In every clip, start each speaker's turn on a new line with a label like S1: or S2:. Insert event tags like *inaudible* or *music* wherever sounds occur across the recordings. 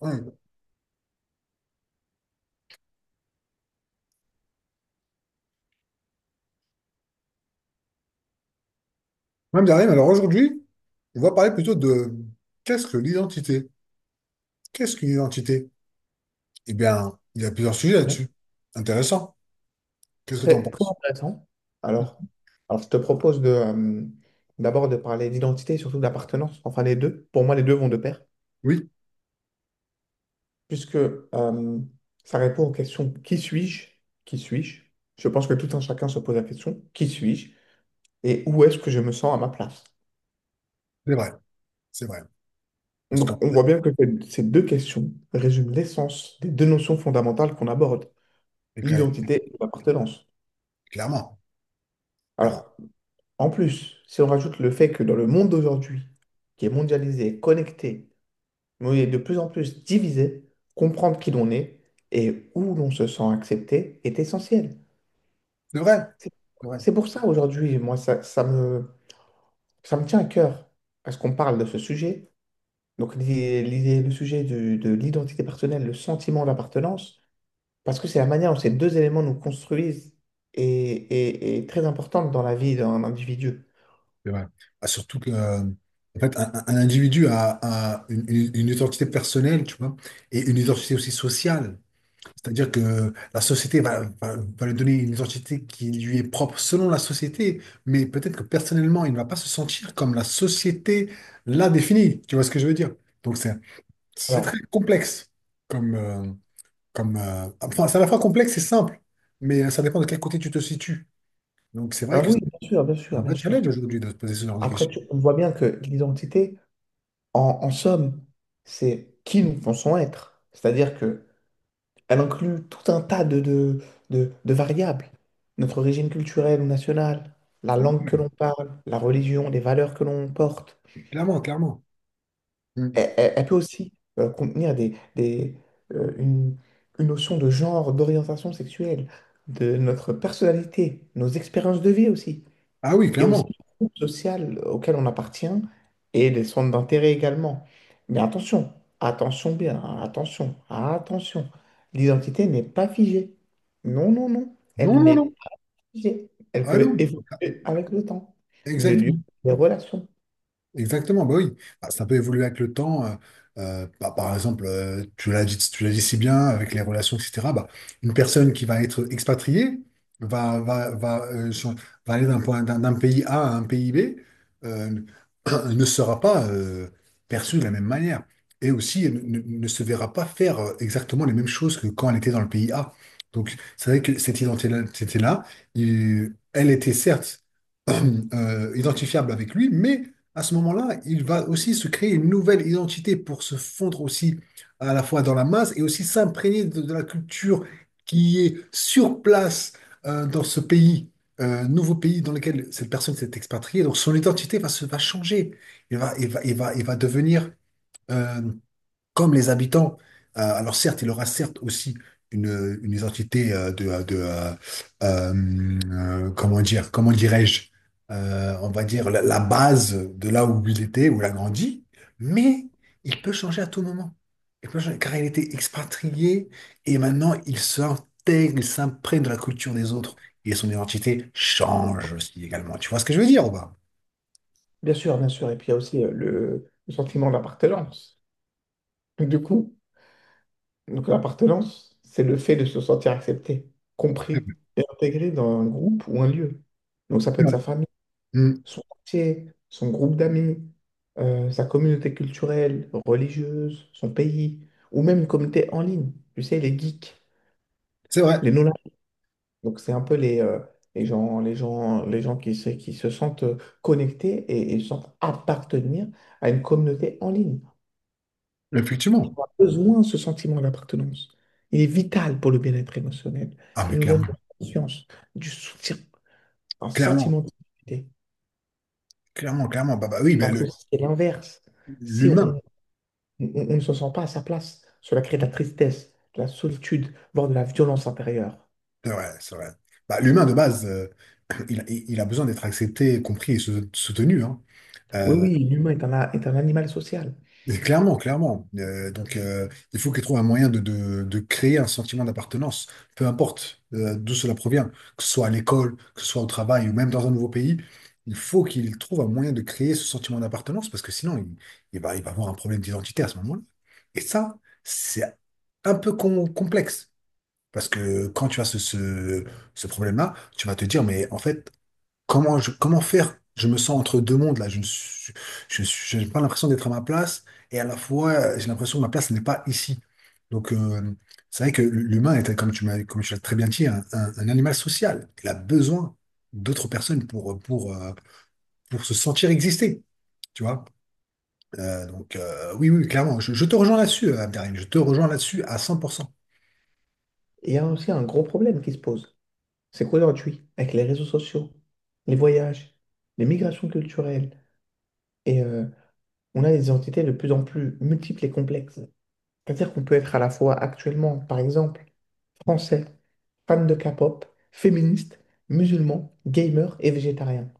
S1: Ouais. Même derrière, alors aujourd'hui, on va parler plutôt de qu'est-ce que l'identité? Qu'est-ce qu'une identité? Eh bien, il y a plusieurs sujets
S2: Bien.
S1: là-dessus. Intéressant. Qu'est-ce que tu en
S2: Très, très
S1: penses?
S2: intéressant. Alors, alors, je te propose d'abord de parler d'identité et surtout d'appartenance, enfin les deux. Pour moi, les deux vont de pair,
S1: Oui,
S2: puisque ça répond aux questions qui suis-je? Qui suis-je? Je pense que tout un chacun se pose la question, qui suis-je? Et où est-ce que je me sens à ma place?
S1: c'est vrai. C'est vrai. Parce qu'on
S2: Donc, on voit bien que ces deux questions résument l'essence des deux notions fondamentales qu'on aborde,
S1: et cla-
S2: l'identité et l'appartenance.
S1: clairement, clairement.
S2: Alors, en plus, si on rajoute le fait que dans le monde d'aujourd'hui, qui est mondialisé, connecté, oui, de plus en plus diviser, comprendre qui l'on est et où l'on se sent accepté est essentiel.
S1: C'est vrai.
S2: C'est
S1: C'est vrai.
S2: c'est pour ça aujourd'hui, moi, ça me tient à cœur parce qu'on parle de ce sujet. Donc, le sujet de l'identité personnelle, le sentiment d'appartenance, parce que c'est la manière dont ces deux éléments nous construisent et, et très importante dans la vie d'un individu.
S1: C'est vrai. Ah, surtout que en fait, un individu a une identité personnelle, tu vois, et une identité aussi sociale. C'est-à-dire que la société va lui donner une identité qui lui est propre selon la société, mais peut-être que personnellement, il ne va pas se sentir comme la société l'a défini. Tu vois ce que je veux dire? Donc c'est très
S2: Alors,
S1: complexe. Comme, euh, enfin, c'est à la fois complexe et simple, mais ça dépend de quel côté tu te situes. Donc c'est vrai
S2: alors
S1: que c'est
S2: oui, bien sûr, bien
S1: un
S2: sûr,
S1: vrai
S2: bien sûr.
S1: challenge aujourd'hui de se poser ce genre de
S2: Après,
S1: questions.
S2: on voit bien que l'identité, en somme, c'est qui nous pensons être. C'est-à-dire que elle inclut tout un tas de variables. Notre régime culturel ou national, la
S1: C'est vrai.
S2: langue que l'on parle, la religion, les valeurs que l'on porte.
S1: Clairement, clairement. Mm.
S2: Elle peut aussi contenir euh, une, une notion de genre, d'orientation sexuelle, de notre personnalité, nos expériences de vie aussi.
S1: Ah oui,
S2: Et aussi
S1: clairement.
S2: le groupe social auquel on appartient et les centres d'intérêt également. Mais attention, attention bien, attention, attention. L'identité n'est pas figée. Non, non, non,
S1: Non,
S2: elle
S1: non,
S2: n'est
S1: non.
S2: pas figée. Elle
S1: Ah
S2: peut
S1: non.
S2: évoluer avec le temps, le lieu,
S1: Exactement.
S2: les relations.
S1: Exactement, bah oui. Bah, ça peut évoluer avec le temps. Bah, par exemple, tu l'as dit si bien avec les relations, etc. Bah, une personne qui va être expatriée va, va, va, euh, ch- va aller d'un point, d'un pays A à un pays B, euh, *clears throat* ne sera pas perçue de la même manière. Et aussi, elle ne se verra pas faire exactement les mêmes choses que quand elle était dans le pays A. Donc, c'est vrai que cette identité-là, c'était là, elle était certes *clears throat* identifiable avec lui, mais à ce moment-là, il va aussi se créer une nouvelle identité pour se fondre aussi à la fois dans la masse et aussi s'imprégner de la culture qui est sur place, dans ce pays, nouveau pays dans lequel cette personne s'est expatriée. Donc son identité va changer. Il va devenir euh, comme les habitants. Alors certes, il aura certes aussi une identité comment dirais-je. On va dire la base de là où il était, où il a grandi, mais il peut changer à tout moment. Il peut changer, car il était expatrié et maintenant il s'intègre, il s'imprègne de la culture des autres et son identité change aussi également. Tu vois ce que je veux dire ou pas?
S2: Bien sûr, bien sûr. Et puis il y a aussi le sentiment d'appartenance. Du coup, donc l'appartenance, c'est le fait de se sentir accepté, compris et intégré dans un groupe ou un lieu. Donc ça peut être
S1: Ouais.
S2: sa famille,
S1: Mm.
S2: son quartier, son groupe d'amis, sa communauté culturelle, religieuse, son pays, ou même une communauté en ligne. Tu sais, les geeks,
S1: C'est vrai,
S2: les no, donc, c'est un peu les gens qui se sentent connectés et sentent appartenir à une communauté en ligne.
S1: effectivement.
S2: On a besoin de ce sentiment d'appartenance. Il est vital pour le bien-être émotionnel.
S1: Ah,
S2: Il
S1: mais
S2: nous donne de
S1: clairement,
S2: la confiance, du soutien, un
S1: clairement.
S2: sentiment de sécurité.
S1: Clairement, clairement. Bah, bah oui, mais
S2: Alors que
S1: le-
S2: si c'est l'inverse. Si
S1: l'humain,
S2: on on ne se sent pas à sa place. Cela crée de la tristesse, de la solitude, voire de la violence intérieure.
S1: c'est vrai, c'est vrai. Bah, l'humain, de base, *clears throat* il il a besoin d'être accepté, compris et soutenu, hein.
S2: Oui,
S1: Euh,
S2: oui, l'humain est est un animal social.
S1: et clairement, clairement. Donc, il faut qu'il trouve un moyen de, de créer un sentiment d'appartenance, peu importe d'où cela provient, que ce soit à l'école, que ce soit au travail ou même dans un nouveau pays. Il faut qu'il trouve un moyen de créer ce sentiment d'appartenance parce que sinon, il va avoir un problème d'identité à ce moment-là. Et ça, c'est un peu complexe. Parce que quand tu as ce problème-là, tu vas te dire, mais en fait, comment, comment faire? Je me sens entre deux mondes, là. Je, ne suis- je- j'ai pas l'impression d'être à ma place, et à la fois, j'ai l'impression que ma place n'est pas ici. Donc, c'est vrai que l'humain est, comme tu l'as très bien dit, un animal social. Il a besoin d'autres personnes pour, pour se sentir exister, tu vois? Oui, oui, clairement. Je te rejoins là-dessus, Abderrahim. Je te rejoins là-dessus à 100%.
S2: Et il y a aussi un gros problème qui se pose. C'est qu'aujourd'hui, avec les réseaux sociaux, les voyages, les migrations culturelles, et euh, on a des identités de plus en plus multiples et complexes. C'est-à-dire qu'on peut être à la fois actuellement, par exemple, français, fan de K-pop, féministe, musulman, gamer et végétarien.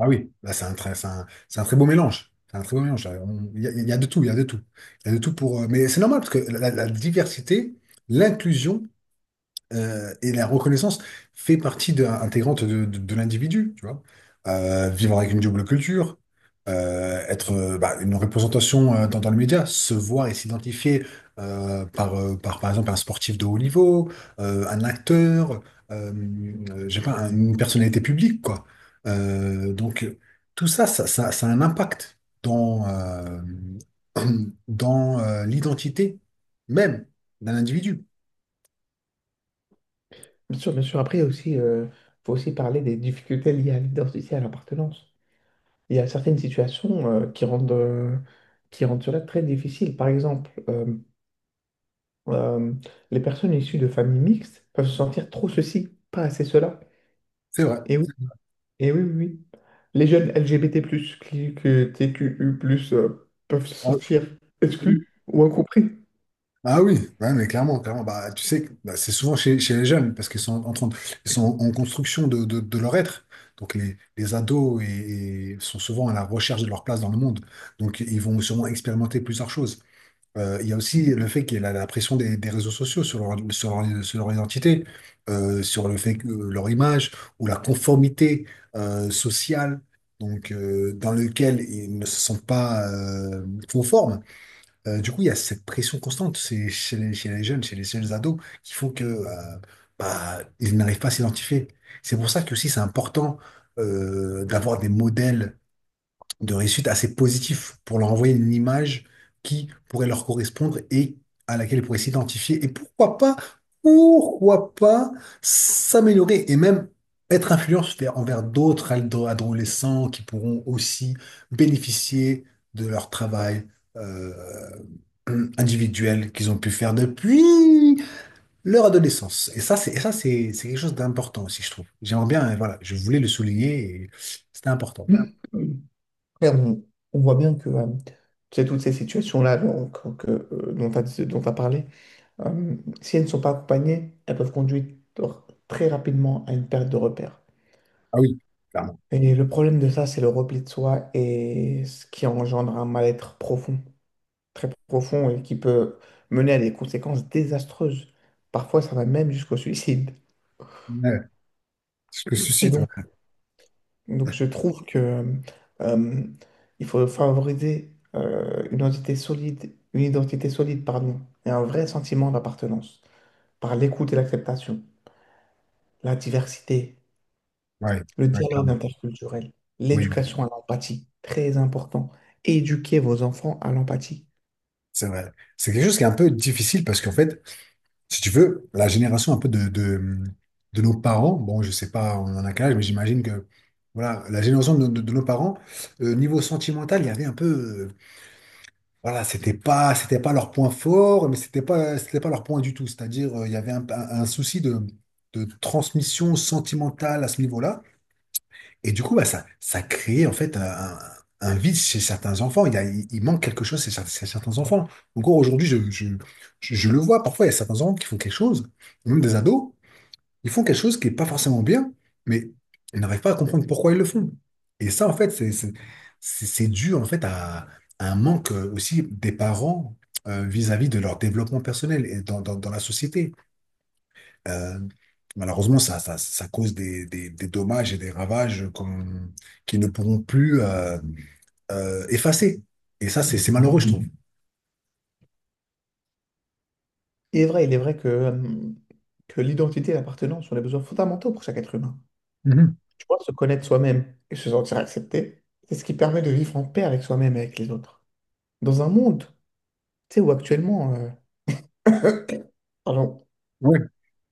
S1: Ah oui, là, c'est un très, c'est un très beau mélange. C'est un très beau mélange. Il y a de tout, il y a de tout. Il y a de tout pour. Mais c'est normal parce que la diversité, l'inclusion, et la reconnaissance fait partie de, intégrante de l'individu, tu vois. Vivre avec une double culture, être bah, une représentation dans le média, se voir et s'identifier par exemple, un sportif de haut niveau, un acteur, euh, je sais pas, une personnalité publique, quoi. Euh, donc, tout ça, ça a un impact *clears throat* dans l'identité même d'un individu.
S2: Bien sûr, bien sûr. Après, il y a aussi, faut aussi parler des difficultés liées à l'identité, à l'appartenance. Il y a certaines situations qui rendent cela très difficile. Par exemple, euh, les personnes issues de familles mixtes peuvent se sentir trop ceci, pas assez cela.
S1: C'est vrai.
S2: Et oui, et oui, oui, oui. Les jeunes LGBT+, que TQU+, peuvent se
S1: Ah,
S2: sentir exclus ou incompris.
S1: ah oui, ouais, mais clairement, clairement, bah, tu sais, que, bah, c'est souvent chez les jeunes parce qu'ils sont en train de- ils sont en construction de, de leur être. Donc les ados et sont souvent à la recherche de leur place dans le monde. Donc ils vont sûrement expérimenter plusieurs choses. Il y a aussi le fait qu'il y a la pression des réseaux sociaux sur leur, sur leur, sur leur identité, sur le fait que leur image ou la conformité sociale, donc dans lequel ils ne se sentent pas conformes. Du coup, il y a cette pression constante c'est chez les jeunes ados, qui font que bah, ils n'arrivent pas à s'identifier. C'est pour ça que aussi c'est important d'avoir des modèles de réussite assez positif pour leur envoyer une image qui pourrait leur correspondre et à laquelle ils pourraient s'identifier. Et pourquoi pas s'améliorer et même être influents envers d'autres adolescents qui pourront aussi bénéficier de leur travail euh, individuel qu'ils ont pu faire depuis leur adolescence. Et ça, c'est quelque chose d'important aussi, je trouve. J'aimerais bien, voilà, je voulais le souligner et c'était important pour moi.
S2: Et on voit bien que c'est toutes ces situations-là donc, que, dont tu as, dont t'as parlé. Euh, si elles ne sont pas accompagnées, elles peuvent conduire très rapidement à une perte de repères.
S1: Ah oui, clairement.
S2: Et le problème de ça, c'est le repli de soi et ce qui engendre un mal-être profond, très profond et qui peut mener à des conséquences désastreuses. Parfois, ça va même jusqu'au suicide.
S1: Ouais, ce que
S2: Et
S1: suscite, ouais,
S2: donc je trouve que euh, il faut favoriser une identité solide, pardon, et un vrai sentiment d'appartenance par l'écoute et l'acceptation, la diversité.
S1: ouais, ouais,
S2: Le dialogue
S1: clairement.
S2: interculturel,
S1: Oui, oui,
S2: l'éducation à l'empathie, très important. Éduquer vos enfants à l'empathie.
S1: c'est vrai. C'est quelque chose qui est un peu difficile parce qu'en fait, si tu veux, la génération un peu de nos parents, bon, je sais pas, on en a quel âge, mais j'imagine que voilà, la génération de, de nos parents, niveau sentimental, il y avait un peu, voilà, c'était pas leur point fort, mais c'était pas leur point du tout. C'est-à-dire, il y avait un souci de transmission sentimentale à ce niveau-là. Et du coup, bah, ça crée en fait un vide chez certains enfants. Il y a, il manque quelque chose chez, chez certains enfants. Encore aujourd'hui, je le vois. Parfois, il y a certains enfants qui font quelque chose, ou même des ados, ils font quelque chose qui n'est pas forcément bien, mais ils n'arrivent pas à comprendre pourquoi ils le font. Et ça, en fait, c'est dû en fait à un manque aussi des parents vis-à-vis de leur développement personnel et dans la société. Euh, malheureusement, ça cause des dommages et des ravages qui ne pourront plus effacer. Et ça, c'est malheureux, je trouve.
S2: Il est vrai que l'identité et l'appartenance sont des besoins fondamentaux pour chaque être humain.
S1: Mhm.
S2: Tu vois, se connaître soi-même et se sentir accepté, c'est ce qui permet de vivre en paix avec soi-même et avec les autres. Dans un monde, tu sais, où actuellement, *coughs* pardon,
S1: Ouais.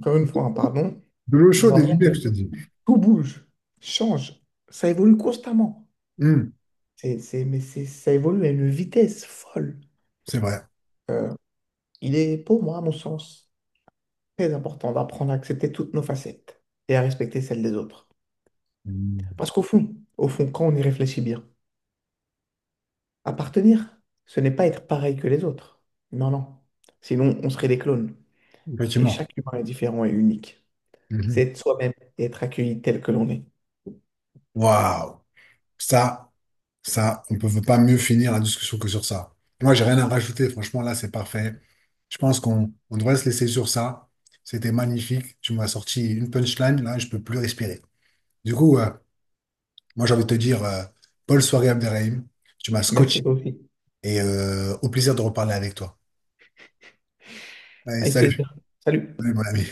S2: encore une fois, hein, pardon,
S1: De l'eau
S2: dans
S1: chaude
S2: un
S1: et du
S2: monde
S1: bière,
S2: où
S1: je te dis.
S2: tout bouge, change, ça évolue constamment.
S1: Mhm.
S2: Ça évolue à une vitesse folle.
S1: C'est vrai.
S2: Euh, Il est, pour moi, à mon sens, très important d'apprendre à accepter toutes nos facettes et à respecter celles des autres.
S1: Mhm.
S2: Parce qu'au fond, au fond, quand on y réfléchit bien, appartenir, ce n'est pas être pareil que les autres. Non, non. Sinon, on serait des clones. Et
S1: Effectivement.
S2: chaque humain est différent et unique. C'est
S1: Mhm.
S2: être soi-même et être accueilli tel que l'on est.
S1: Waouh. Ça, ça, on ne peut pas mieux finir la discussion que sur ça. Moi, j'ai rien à rajouter. Franchement, là, c'est parfait. Je pense qu'on on devrait se laisser sur ça. C'était magnifique. Tu m'as sorti une punchline. Là, je peux plus respirer. Du coup, euh, Moi, j'ai envie de te dire, bonne soirée Abderrahim. Tu m'as scotché
S2: Merci toi aussi.
S1: et au plaisir de reparler avec toi. Allez,
S2: Avec
S1: salut,
S2: plaisir. Salut.
S1: salut, mon ami.